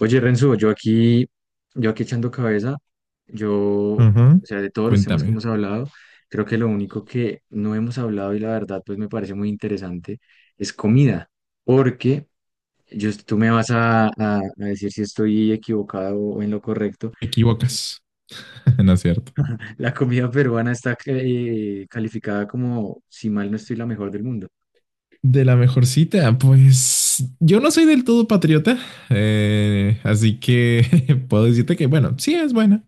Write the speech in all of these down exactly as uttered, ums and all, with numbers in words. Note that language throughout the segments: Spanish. Oye, Renzo, yo aquí, yo aquí echando cabeza, yo, o Ajá. sea, de todos los temas que Cuéntame, hemos hablado, creo que lo único que no hemos hablado y la verdad, pues me parece muy interesante, es comida, porque yo, tú me vas a, a- a decir si estoy equivocado o en lo correcto. ¿te equivocas? No es cierto. La comida peruana está eh, calificada como, si mal no estoy, la mejor del mundo. De la mejor cita, pues yo no soy del todo patriota, eh, así que puedo decirte que, bueno, sí es buena,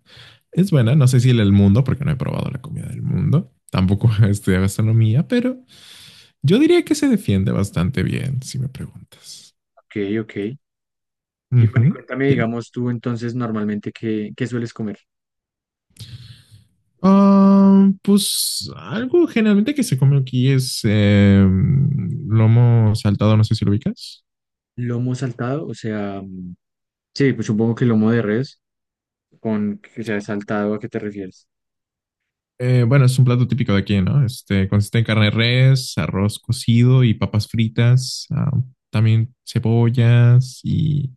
es buena. No sé si el del mundo, porque no he probado la comida del mundo, tampoco he gastronomía, pero yo diría que se defiende bastante bien, si me preguntas. Ok, ok. Y bueno, y Ujú. cuéntame, Bien. digamos, tú entonces normalmente, ¿qué, qué sueles comer? Ah, pues algo generalmente que se come aquí es eh, lomo saltado, no sé si lo ubicas. Lomo saltado, o sea... Sí, pues supongo que lomo de res, con que sea saltado, ¿a qué te refieres? Eh, bueno, es un plato típico de aquí, ¿no? Este consiste en carne de res, arroz cocido y papas fritas, ah, también cebollas y,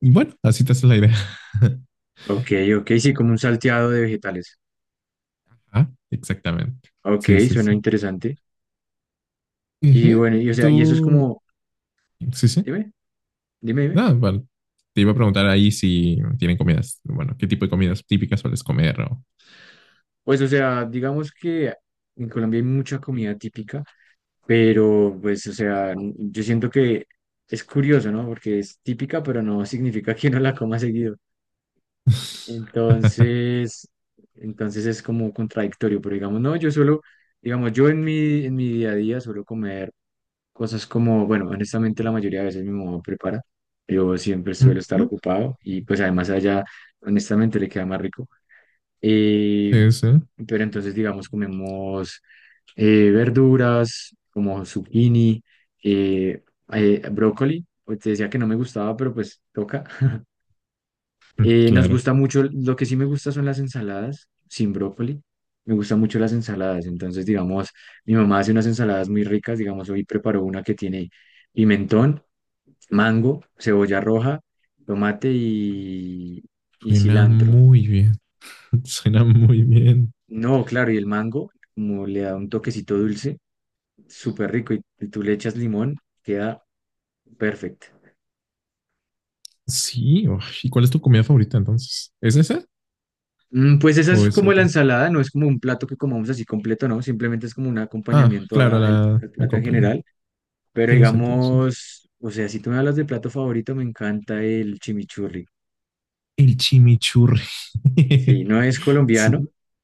y bueno, así te haces la idea. Ok, ok, sí, como un salteado de vegetales. Ah, exactamente. Ok, Sí, sí, suena sí. interesante. Y Ujú. bueno, y o sea, Tú, y eso es como, sí, sí. dime, dime, dime. Nada, bueno, te iba a preguntar ahí si tienen comidas, bueno, qué tipo de comidas típicas sueles comer o... Pues o sea, digamos que en Colombia hay mucha comida típica, pero pues o sea, n- yo siento que es curioso, ¿no? Porque es típica, pero no significa que no la coma seguido. Entonces, entonces es como contradictorio, pero digamos, no, yo suelo, digamos, yo en mi, en mi día a día suelo comer cosas como, bueno, honestamente la mayoría de veces mi mamá prepara. Yo siempre suelo estar Ujú. ocupado y pues además allá, honestamente, le queda más rico. Eh, Sí, sí, pero entonces, digamos, comemos eh, verduras como zucchini, eh, eh, brócoli. Pues, te decía que no me gustaba, pero pues toca. Eh, nos claro. gusta mucho, lo que sí me gusta son las ensaladas sin brócoli. Me gustan mucho las ensaladas. Entonces, digamos, mi mamá hace unas ensaladas muy ricas. Digamos, hoy preparó una que tiene pimentón, mango, cebolla roja, tomate y, y Suena cilantro. muy bien, suena muy bien. No, claro, y el mango, como le da un toquecito dulce, súper rico, y tú le echas limón, queda perfecto. Sí, uy, ¿y cuál es tu comida favorita entonces? ¿Es esa Mm, Pues esa o es es como la otra? ensalada, no es como un plato que comamos así completo, no, simplemente es como un Ah, acompañamiento a- claro, al la al plato en acompañante. general. Pero Tiene sentido, sí. digamos, o sea, si tú me hablas de plato favorito, me encanta el chimichurri. El chimichurri. Sí, no es colombiano. Suena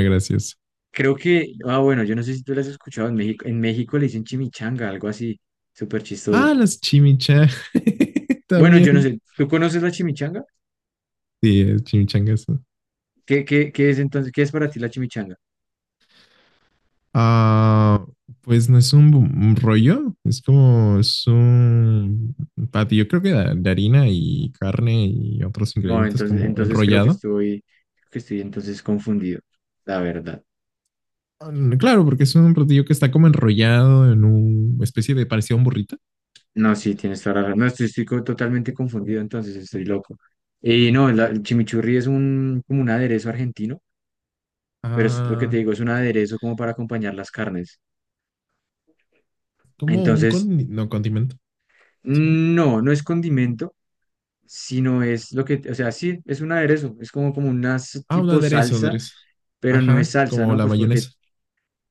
gracioso. Creo que, ah, bueno, yo no sé si tú las has escuchado en México. En México le dicen chimichanga, algo así, súper chistoso. Ah, las chimichangas. Bueno, yo no También. sé, ¿tú conoces la chimichanga? Sí, es chimichangas. ¿Qué, qué, qué es entonces, qué es para ti la chimichanga? Ah, pues no es un un rollo, es como es un patio, yo creo que de, de harina y carne y otros No, ingredientes entonces, como entonces creo que enrollado. estoy, que estoy entonces confundido, la verdad. Mm, claro, porque es un platillo que está como enrollado en una especie de parecido a un burrito. No, sí, tienes toda la razón. No, estoy, estoy co- totalmente confundido, entonces estoy loco. Y no, la- el chimichurri es un, como un aderezo argentino, pero es lo que te Ah, digo, es un aderezo como para acompañar las carnes. como un con Entonces, no, condimento. ¿Sí? no, no es condimento, sino es lo que, o sea, sí, es un aderezo, es como, como una s- Ah, un tipo aderezo, salsa, aderezo. pero no es Ajá, salsa, como ¿no? la Pues porque, mayonesa.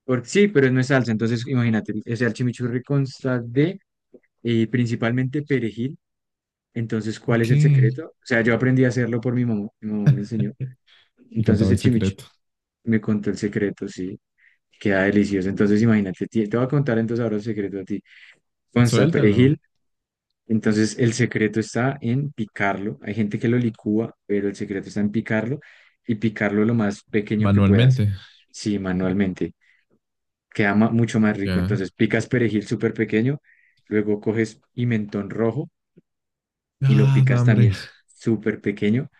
porque sí, pero no es salsa, entonces imagínate, o sea, el chimichurri consta de eh, principalmente perejil, entonces, ¿cuál Ok. es el Y secreto? O sea, yo aprendí a hacerlo por mi mamá, mi mamá me enseñó, entonces contaba el el chimichurri secreto. me contó el secreto, sí. Queda delicioso. Entonces, imagínate, ti- te voy a contar entonces ahora el secreto a ti. Consta Suéltalo perejil. Entonces, el secreto está en picarlo. Hay gente que lo licúa, pero el secreto está en picarlo y picarlo lo más pequeño que puedas. manualmente. Sí, manualmente. Queda ma- mucho más rico. Ya. Entonces, picas perejil súper pequeño, luego coges pimentón rojo y lo Ah, da picas hambre. también súper pequeño.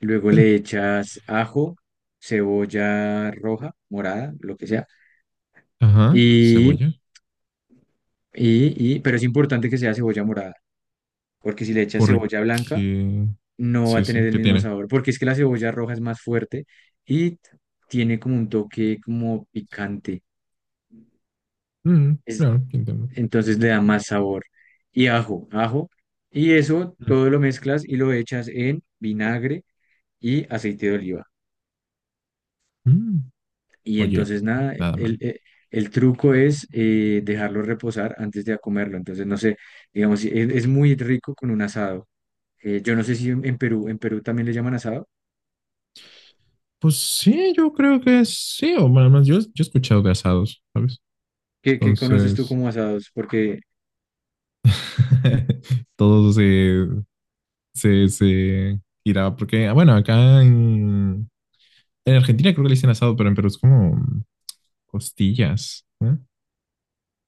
Luego le echas ajo, cebolla roja, morada, lo que sea. Ajá, Y, cebolla. y, y, pero es importante que sea cebolla morada, porque si le echas Porque... cebolla blanca, no va Sí, a tener sí, el ¿qué mismo tiene? sabor, porque es que la cebolla roja es más fuerte y tiene como un toque como picante, Mm, es- claro, entiendo. entonces le da más sabor. Y ajo, ajo, y eso Mm, todo lo mezclas y lo echas en vinagre y aceite de oliva. mm. Y Oye, entonces nada, nada el, mal. eh, el truco es eh, dejarlo reposar antes de comerlo. Entonces, no sé, digamos, si es, es muy rico con un asado. Eh, yo no sé si en en Perú, en Perú también le llaman asado. Pues sí, yo creo que sí, o nada más, yo, yo he escuchado de asados, ¿sabes? ¿Qué, qué conoces tú Entonces, como asados? Porque todo se, se, se irá, porque, ah, bueno, acá en, en Argentina creo que le dicen asado, pero en Perú es como costillas, ¿eh?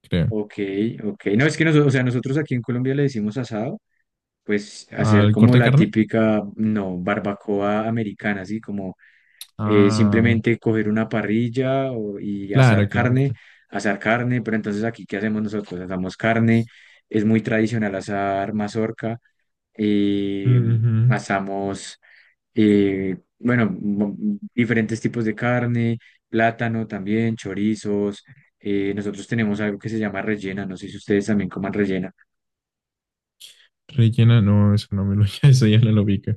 Creo. ok, ok. No, es que nosotros, o sea, nosotros aquí en Colombia le decimos asado, pues hacer ¿Al como corte de la carne? típica, no, barbacoa americana, así como eh, Ah, simplemente coger una parrilla o- y asar claro, claro, carne, claro. asar carne, pero entonces aquí, ¿qué hacemos nosotros? Asamos carne, es muy tradicional asar mazorca, eh, Ujú. asamos eh, bueno, mo- diferentes tipos de carne, plátano también, chorizos. eh, nosotros tenemos algo que se llama rellena, no sé si ustedes también coman rellena. Rellena, no, eso no me lo, eso ya no lo ubico.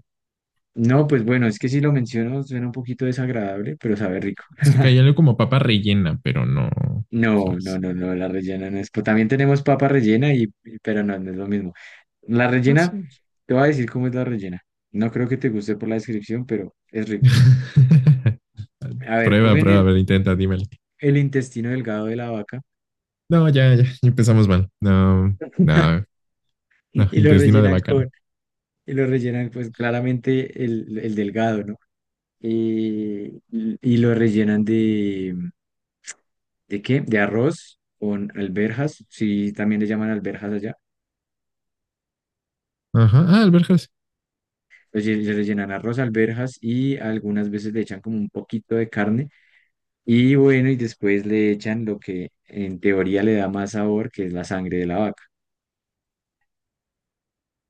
No, pues bueno, es que si lo menciono suena un poquito desagradable, pero sabe rico. Es que caía algo como papa rellena, pero no, No, no, ¿sabes? no, no, la rellena no es. Pues también tenemos papa rellena, y, y- pero no, no es lo mismo. La Ah, rellena, sí. te voy a decir cómo es la rellena. No creo que te guste por la descripción, pero es rico. A ver, Prueba, cogen prueba, a el, ver, intenta, dímelo. el intestino delgado de la vaca No, ya, ya, ya empezamos mal. No, no, no, y lo intestino de rellenan vaca, con, no. y lo rellenan, pues claramente el, el delgado, ¿no? Eh, y y lo rellenan de, ¿de qué? De arroz con alberjas, sí, también le llaman alberjas allá. Ajá, ah, alberjas. Oye, le le rellenan arroz, alberjas y algunas veces le echan como un poquito de carne. Y bueno, y después le echan lo que en teoría le da más sabor, que es la sangre de la vaca.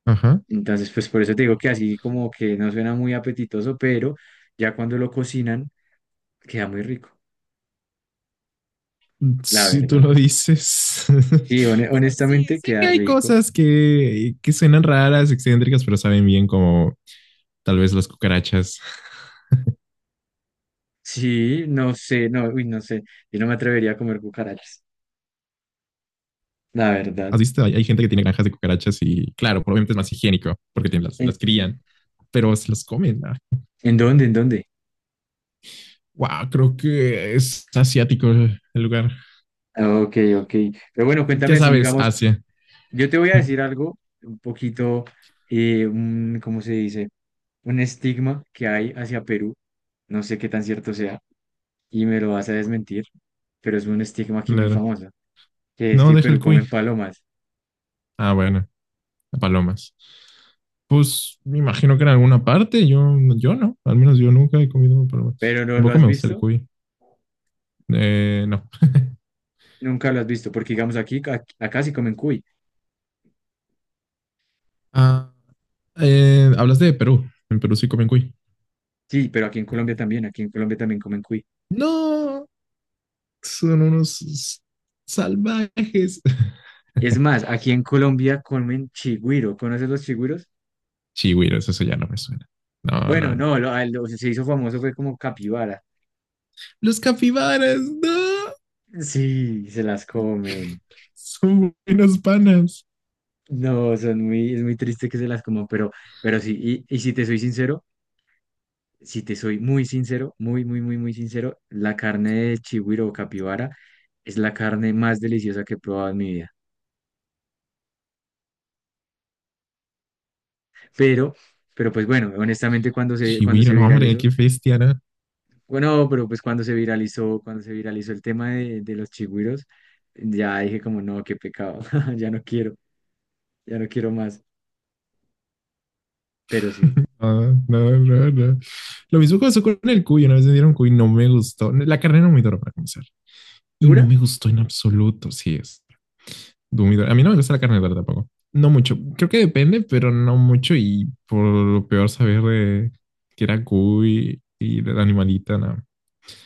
Ajá. Entonces, pues por eso te digo que así como que no suena muy apetitoso, pero ya cuando lo cocinan, queda muy rico. La Si tú verdad. lo dices. Sí, hone- Bueno, sí, honestamente sé queda que hay rico. cosas que, que suenan raras, excéntricas, pero saben bien como tal vez las cucarachas. Sí, no sé, no, uy, no sé. Yo no me atrevería a comer cucarachas, la verdad. ¿Has visto? Hay, hay gente que tiene granjas de cucarachas y claro, probablemente es más higiénico porque tienen, las, ¿En, las crían, pero se las comen. Ah, en dónde? ¿En dónde? wow, creo que es asiático el lugar. Ah, ok, ok. Pero bueno, Ya cuéntame así, sabes, digamos, Asia. yo te voy a decir algo, un poquito, eh, un- ¿cómo se dice? Un estigma que hay hacia Perú. No sé qué tan cierto sea y me lo vas a desmentir, pero es un estigma aquí muy Claro. famoso, que es que No, en deja el Perú comen cuy. palomas. Ah, bueno. Palomas. Pues me imagino que en alguna parte, yo, yo no, al menos yo nunca he comido palomas. Pero no lo Tampoco has me gusta el visto, cuy. Eh, no. nunca lo has visto, porque digamos aquí, ac- acá sí comen cuy. Ah, eh, hablaste de Perú. En Perú sí comen cuy. Sí, pero aquí en Colombia también, aquí en Colombia también comen cuy. No, son unos salvajes. Es más, aquí en Colombia comen chigüiro. ¿Conoces los chigüiros? Chigüiros, eso ya no me suena. No, no, Bueno, no. no, lo, a- lo- se hizo famoso fue como capibara. Los capibaras, no. Sí, se las comen. Son buenos panas. No, son muy, es muy triste que se las coman, pero, pero sí, y, y si te soy sincero, si te soy muy sincero, muy, muy, muy, muy sincero, la carne de chigüiro o capibara es la carne más deliciosa que he probado en mi vida. Pero, pero pues bueno, honestamente cuando se, cuando Chigüiro, se no, hombre, viralizó, qué bestia, ¿no? bueno, pero pues cuando se viralizó, cuando se viralizó el tema de, de los chigüiros, ya dije como, no, qué pecado, ya no quiero, ya no quiero más, pero sí. No, no, no, no. Lo mismo pasó con el cuy. Una vez me dieron cuy, no me gustó. La carne no me duró para comenzar. Y no ¿Dura? me gustó en absoluto. Sí, es humidor. A mí no me gusta la carne dura tampoco. No mucho. Creo que depende, pero no mucho. Y por lo peor saber de que era cuy y de la animalita, no.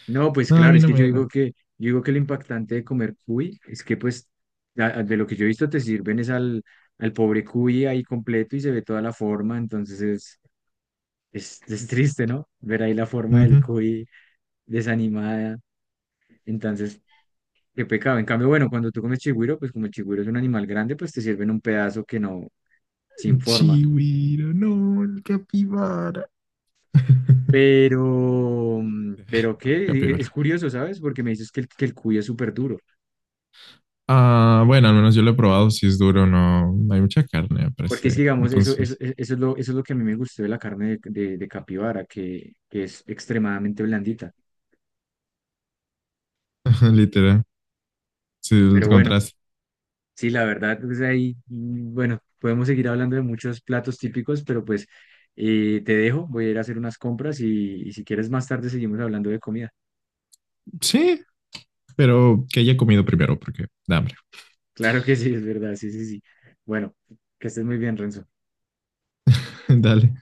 No, pues No, a claro, mí es no que yo me... digo No. que, yo digo que lo impactante de comer cuy es que pues, a- a- de lo que yo he visto te sirven es al, al pobre cuy ahí completo y se ve toda la forma, entonces es, es, es triste, ¿no? Ver ahí la forma del Ujú. cuy desanimada, entonces qué pecado. En cambio, bueno, cuando tú comes chigüiro, pues como el chigüiro es un animal grande, pues te sirven un pedazo que no, sin El forma. Chihuiro, no, el capibara. Pero, mm, No, pero el qué, e, es capibara. curioso, ¿sabes? Porque me dices que el, que el cuy es súper duro. Ah, bueno, al menos yo lo he probado, si es duro, no hay mucha carne, me Porque es que, parece. digamos, eso, eso, Entonces, e- eso es lo, eso es lo que a mí me gustó de la carne de, de, de capibara, que, que es extremadamente blandita. literal, si el Pero bueno, contraste. sí, la verdad, pues ahí, mm, bueno, podemos seguir hablando de muchos platos típicos, pero pues eh, te dejo, voy a ir a hacer unas compras y, y si quieres más tarde seguimos hablando de comida. Sí, pero que haya comido primero, porque da hambre. Claro que sí, es verdad, sí, sí, sí. Bueno, que estés muy bien, Renzo. Dale.